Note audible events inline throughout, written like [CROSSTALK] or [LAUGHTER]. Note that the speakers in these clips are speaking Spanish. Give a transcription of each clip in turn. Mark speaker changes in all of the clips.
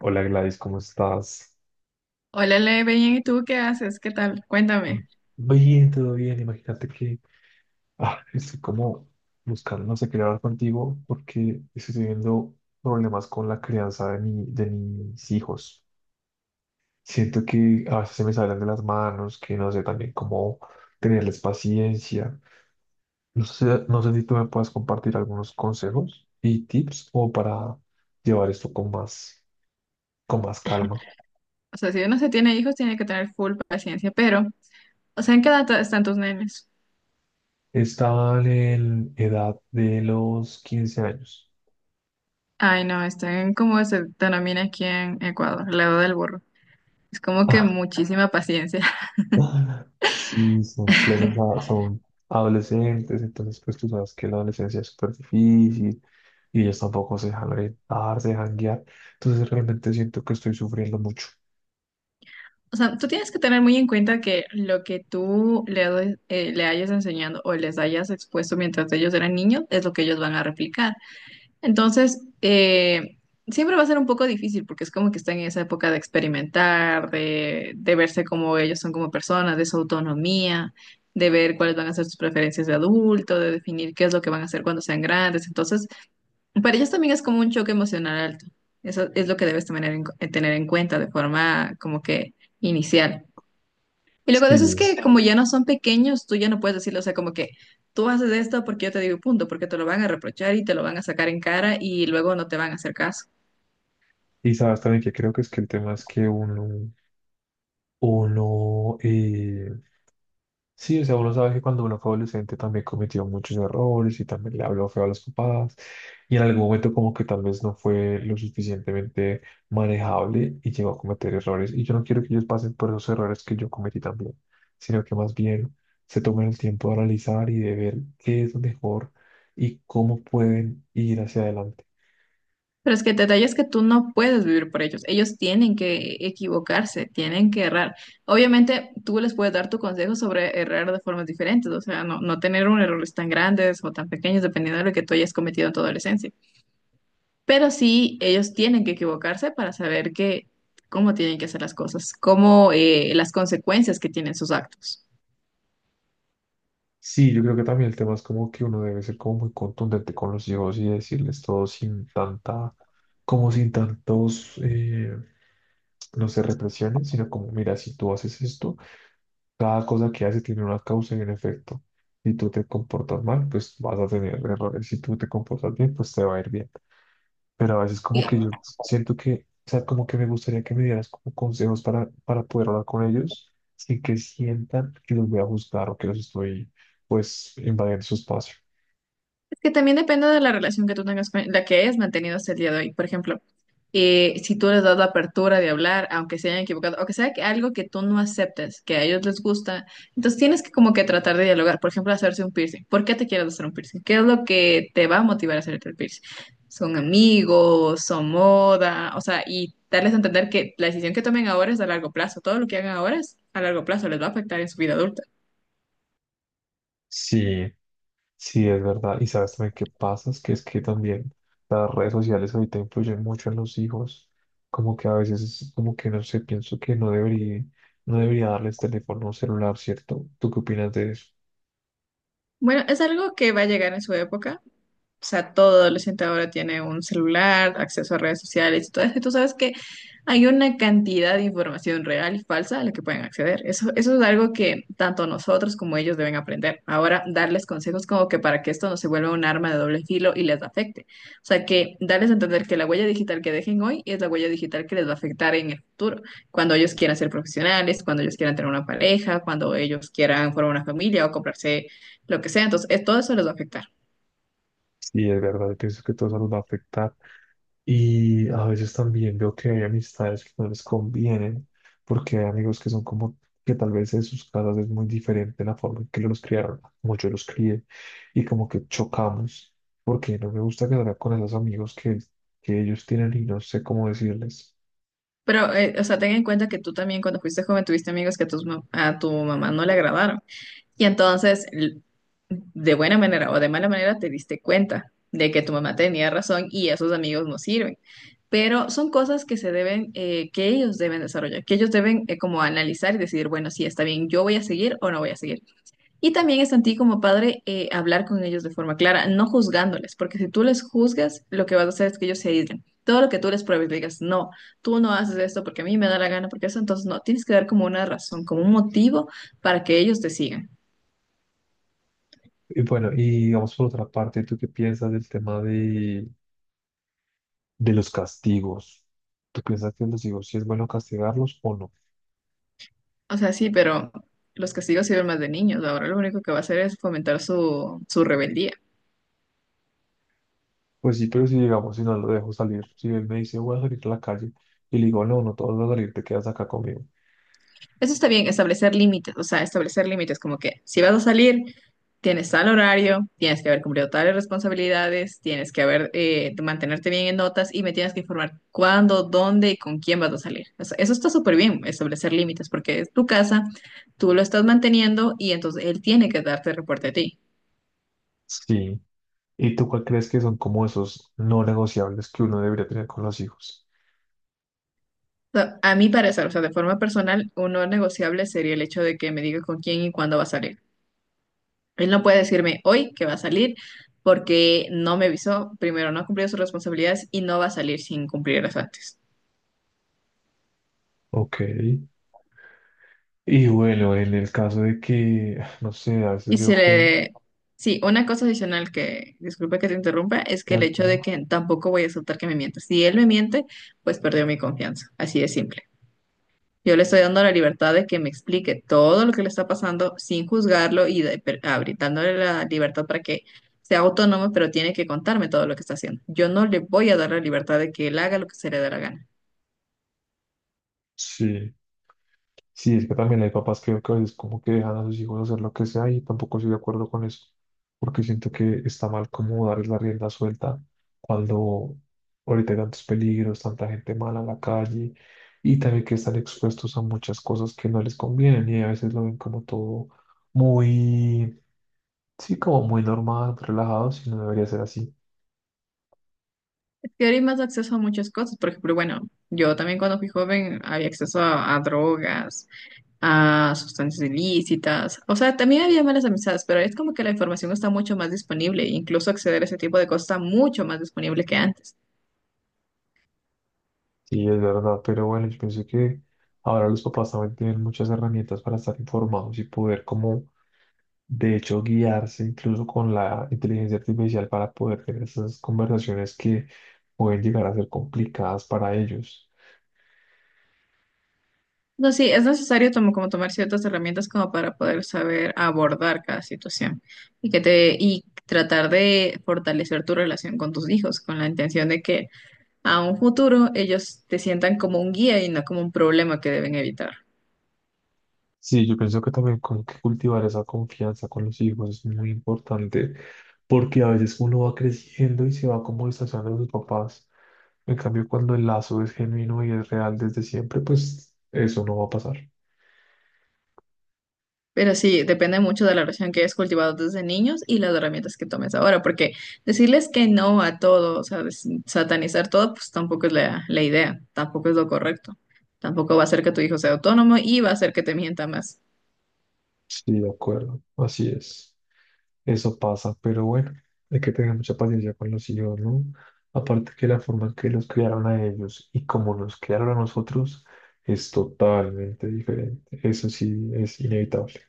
Speaker 1: Hola, Gladys, ¿cómo estás?
Speaker 2: Hola, Le, bien, ¿y tú qué haces? ¿Qué tal? Cuéntame.
Speaker 1: Bien, todo bien. Imagínate que estoy como buscando, no sé, quería hablar contigo porque estoy teniendo problemas con la crianza de mis hijos. Siento que a veces se me salen de las manos, que no sé también cómo tenerles paciencia. No sé si tú me puedes compartir algunos consejos y tips o para llevar esto con más calma.
Speaker 2: O sea, si uno se tiene hijos, tiene que tener full paciencia, pero, o sea, ¿en qué edad están tus nenes?
Speaker 1: Están en edad de los 15 años.
Speaker 2: Ay, no, están como se denomina aquí en Ecuador, la edad del burro. Es como que
Speaker 1: [LAUGHS]
Speaker 2: muchísima paciencia. [LAUGHS]
Speaker 1: Ah, sí, son plenos, son adolescentes, entonces pues tú sabes que la adolescencia es súper difícil y ellos tampoco se dejan orientar, se dejan guiar, entonces realmente siento que estoy sufriendo mucho.
Speaker 2: O sea, tú tienes que tener muy en cuenta que lo que tú le, le hayas enseñado o les hayas expuesto mientras ellos eran niños es lo que ellos van a replicar. Entonces, siempre va a ser un poco difícil porque es como que están en esa época de experimentar, de verse como ellos son como personas, de su autonomía, de ver cuáles van a ser sus preferencias de adulto, de definir qué es lo que van a hacer cuando sean grandes. Entonces, para ellos también es como un choque emocional alto. Eso es lo que debes tener en cuenta de forma como que inicial. Y luego de eso es
Speaker 1: Sí.
Speaker 2: que como ya no son pequeños, tú ya no puedes decirle, o sea, como que tú haces esto porque yo te digo y punto, porque te lo van a reprochar y te lo van a sacar en cara y luego no te van a hacer caso.
Speaker 1: Y sabes también que creo que es que el tema es que uno. Sí, o sea, uno sabe que cuando uno fue adolescente también cometió muchos errores y también le habló feo a los papás y en algún momento como que tal vez no fue lo suficientemente manejable y llegó a cometer errores y yo no quiero que ellos pasen por esos errores que yo cometí también, sino que más bien se tomen el tiempo de analizar y de ver qué es lo mejor y cómo pueden ir hacia adelante.
Speaker 2: Pero es que el detalle es que tú no puedes vivir por ellos. Ellos tienen que equivocarse, tienen que errar. Obviamente, tú les puedes dar tu consejo sobre errar de formas diferentes, o sea, no, no tener un errores tan grandes o tan pequeños, dependiendo de lo que tú hayas cometido en tu adolescencia. Pero sí, ellos tienen que equivocarse para saber que, cómo tienen que hacer las cosas, cómo las consecuencias que tienen sus actos.
Speaker 1: Sí, yo creo que también el tema es como que uno debe ser como muy contundente con los hijos y decirles todo sin tanta, como sin tantos, no se represionen, sino como, mira, si tú haces esto, cada cosa que haces tiene una causa y un efecto. Si tú te comportas mal, pues vas a tener errores. Si tú te comportas bien, pues te va a ir bien. Pero a veces
Speaker 2: Y
Speaker 1: como que yo siento que, o sea, como que me gustaría que me dieras como consejos para poder hablar con ellos sin que sientan que los voy a juzgar o que los estoy, pues, invadiendo su espacio.
Speaker 2: Que también depende de la relación que tú tengas con la que hayas mantenido hasta el día de hoy. Por ejemplo, si tú les das la apertura de hablar, aunque se hayan equivocado, o que sea que algo que tú no aceptes, que a ellos les gusta, entonces tienes que como que tratar de dialogar. Por ejemplo, hacerse un piercing. ¿Por qué te quieres hacer un piercing? ¿Qué es lo que te va a motivar a hacerte el piercing? ¿Son amigos? ¿Son moda? O sea, y darles a entender que la decisión que tomen ahora es a largo plazo. Todo lo que hagan ahora es a largo plazo, les va a afectar en su vida adulta.
Speaker 1: Sí, sí, es verdad. Y sabes también qué pasa, es que también las redes sociales ahorita influyen mucho en los hijos. Como que a veces es como que no sé, pienso que no debería darles teléfono o celular, ¿cierto? ¿Tú qué opinas de eso?
Speaker 2: Bueno, es algo que va a llegar en su época. O sea, todo adolescente ahora tiene un celular, acceso a redes sociales y todo eso. Y tú sabes que hay una cantidad de información real y falsa a la que pueden acceder. Eso es algo que tanto nosotros como ellos deben aprender. Ahora, darles consejos como que para que esto no se vuelva un arma de doble filo y les afecte. O sea, que darles a entender que la huella digital que dejen hoy es la huella digital que les va a afectar en el futuro. Cuando ellos quieran ser profesionales, cuando ellos quieran tener una pareja, cuando ellos quieran formar una familia o comprarse lo que sea. Entonces, todo eso les va a afectar.
Speaker 1: Sí, es verdad, yo pienso que todo eso los va a afectar. Y a veces también veo que hay amistades que no les convienen, porque hay amigos que son como que tal vez en sus casas es muy diferente la forma en que los criaron, como yo los crié, y como que chocamos, porque no me gusta quedar con esos amigos que ellos tienen y no sé cómo decirles.
Speaker 2: Pero, o sea, ten en cuenta que tú también cuando fuiste joven tuviste amigos que a tu mamá no le agradaron. Y entonces, de buena manera o de mala manera, te diste cuenta de que tu mamá tenía razón y esos amigos no sirven. Pero son cosas que se deben, que ellos deben desarrollar, que ellos deben como analizar y decidir, bueno, sí, está bien, yo voy a seguir o no voy a seguir. Y también es en ti como padre hablar con ellos de forma clara, no juzgándoles, porque si tú les juzgas, lo que vas a hacer es que ellos se aíslen. Todo lo que tú les pruebes, le digas, no, tú no haces esto porque a mí me da la gana, porque eso, entonces no, tienes que dar como una razón, como un motivo para que ellos te sigan.
Speaker 1: Y bueno, y digamos por otra parte, ¿tú qué piensas del tema de los castigos? ¿Tú piensas que los hijos sí es bueno castigarlos o no?
Speaker 2: O sea, sí, pero los castigos sirven más de niños. Ahora lo único que va a hacer es fomentar su rebeldía.
Speaker 1: Pues sí, pero si digamos, si no lo dejo salir, si él me dice voy a salir a la calle y le digo, no, no, todos vas a salir, te quedas acá conmigo.
Speaker 2: Eso está bien, establecer límites, o sea, establecer límites como que si vas a salir, tienes tal horario, tienes que haber cumplido tales responsabilidades, tienes que haber mantenerte bien en notas y me tienes que informar cuándo, dónde y con quién vas a salir. O sea, eso está súper bien, establecer límites, porque es tu casa, tú lo estás manteniendo y entonces él tiene que darte reporte a ti.
Speaker 1: Sí. ¿Y tú cuál crees que son como esos no negociables que uno debería tener con los hijos?
Speaker 2: O sea, a mi parecer, o sea, de forma personal, un no negociable sería el hecho de que me diga con quién y cuándo va a salir. Él no puede decirme hoy que va a salir porque no me avisó, primero no ha cumplido sus responsabilidades y no va a salir sin cumplirlas antes.
Speaker 1: Ok. Y bueno, en el caso de que, [SIGHS] no sé, a veces
Speaker 2: Y se
Speaker 1: veo que...
Speaker 2: le... Sí, una cosa adicional que, disculpe que te interrumpa, es que el hecho
Speaker 1: Tranquila.
Speaker 2: de que tampoco voy a aceptar que me mienta. Si él me miente, pues perdió mi confianza, así de simple. Yo le estoy dando la libertad de que me explique todo lo que le está pasando sin juzgarlo y dándole la libertad para que sea autónomo, pero tiene que contarme todo lo que está haciendo. Yo no le voy a dar la libertad de que él haga lo que se le dé la gana.
Speaker 1: Sí. Sí, es que también hay papás que a veces como que dejan a sus hijos hacer lo que sea y tampoco estoy de acuerdo con eso, porque siento que está mal como darles la rienda suelta cuando ahorita hay tantos peligros, tanta gente mala en la calle y también que están expuestos a muchas cosas que no les convienen y a veces lo ven como todo muy, sí, como muy normal, relajado, si no debería ser así.
Speaker 2: Y ahora hay más acceso a muchas cosas. Por ejemplo, bueno, yo también cuando fui joven había a drogas, a sustancias ilícitas. O sea, también había malas amistades, pero es como que la información está mucho más disponible. E Incluso acceder a ese tipo de cosas está mucho más disponible que antes.
Speaker 1: Sí, es verdad, pero bueno, yo pienso que ahora los papás también tienen muchas herramientas para estar informados y poder como de hecho, guiarse incluso con la inteligencia artificial para poder tener esas conversaciones que pueden llegar a ser complicadas para ellos.
Speaker 2: No, sí, es necesario tomar ciertas herramientas como para poder saber abordar cada situación y que te y tratar de fortalecer tu relación con tus hijos con la intención de que a un futuro ellos te sientan como un guía y no como un problema que deben evitar.
Speaker 1: Sí, yo pienso que también con que cultivar esa confianza con los hijos es muy importante porque a veces uno va creciendo y se va como distanciando de sus papás. En cambio, cuando el lazo es genuino y es real desde siempre, pues eso no va a pasar.
Speaker 2: Pero sí, depende mucho de la relación que hayas cultivado desde niños y las herramientas que tomes ahora, porque decirles que no a todo, o sea, satanizar todo, pues tampoco es la idea, tampoco es lo correcto, tampoco va a hacer que tu hijo sea autónomo y va a hacer que te mienta más.
Speaker 1: Sí, de acuerdo, así es. Eso pasa, pero bueno, hay que tener mucha paciencia con los hijos, ¿no? Aparte que la forma en que los criaron a ellos y como nos criaron a nosotros es totalmente diferente. Eso sí es inevitable.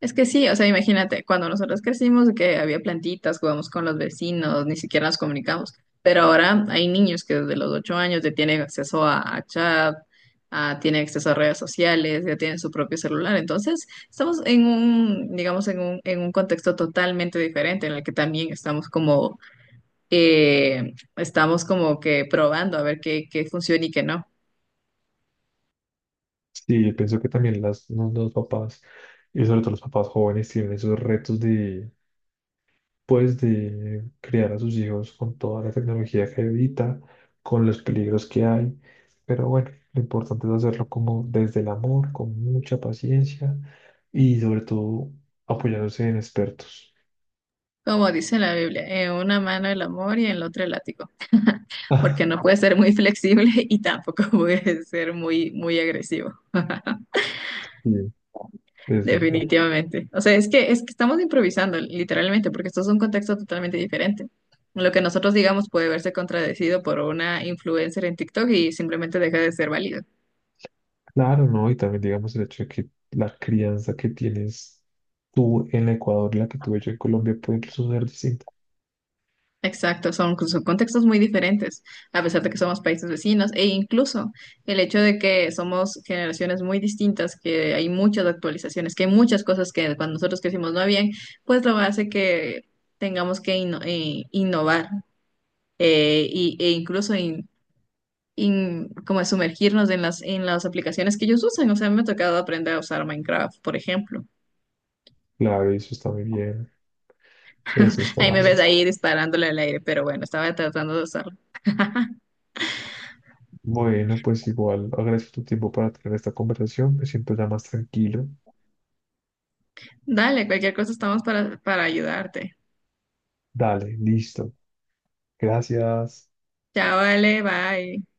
Speaker 2: Es que sí, o sea, imagínate, cuando nosotros crecimos, que había plantitas, jugamos con los vecinos, ni siquiera nos comunicamos. Pero ahora hay niños que desde los 8 años ya tienen a chat, tienen acceso a redes sociales, ya tienen su propio celular. Entonces, estamos en un, digamos, en un contexto totalmente diferente en el que también estamos como que probando a ver qué funciona y qué no.
Speaker 1: Sí, yo pienso que también los papás, y sobre todo los papás jóvenes, tienen esos retos, pues de criar a sus hijos con toda la tecnología que evita, con los peligros que hay. Pero bueno, lo importante es hacerlo como desde el amor, con mucha paciencia y sobre todo apoyándose en expertos. [LAUGHS]
Speaker 2: Como dice la Biblia, en una mano el amor y en la otra el látigo. Porque
Speaker 1: Ah,
Speaker 2: no puede ser muy flexible y tampoco [LAUGHS] puede ser muy agresivo,
Speaker 1: Sí, es verdad.
Speaker 2: definitivamente. O sea, es que estamos improvisando, literalmente, porque esto es un contexto totalmente diferente. Lo que nosotros digamos puede verse contradecido por una influencer en TikTok y simplemente deja de ser válido.
Speaker 1: Claro, ¿no? Y también digamos el hecho de que la crianza que tienes tú en Ecuador y la que tuve yo en Colombia puede incluso ser distinta.
Speaker 2: Exacto, son, pues, son contextos muy diferentes, a pesar de que somos países vecinos, e incluso el hecho de que somos generaciones muy distintas, que hay muchas actualizaciones, que hay muchas cosas que cuando nosotros crecimos no habían, pues lo hace que tengamos que innovar e incluso como sumergirnos en en las aplicaciones que ellos usan. O sea, me ha tocado aprender a usar Minecraft, por ejemplo.
Speaker 1: Claro, eso está muy bien. Eso está
Speaker 2: Ahí
Speaker 1: muy
Speaker 2: me ves
Speaker 1: bien.
Speaker 2: ahí disparándole al aire, pero bueno, estaba tratando de usarlo.
Speaker 1: Bueno, pues igual agradezco tu tiempo para tener esta conversación. Me siento ya más tranquilo.
Speaker 2: Dale, cualquier cosa estamos para ayudarte.
Speaker 1: Dale, listo. Gracias.
Speaker 2: Chao, vale, bye.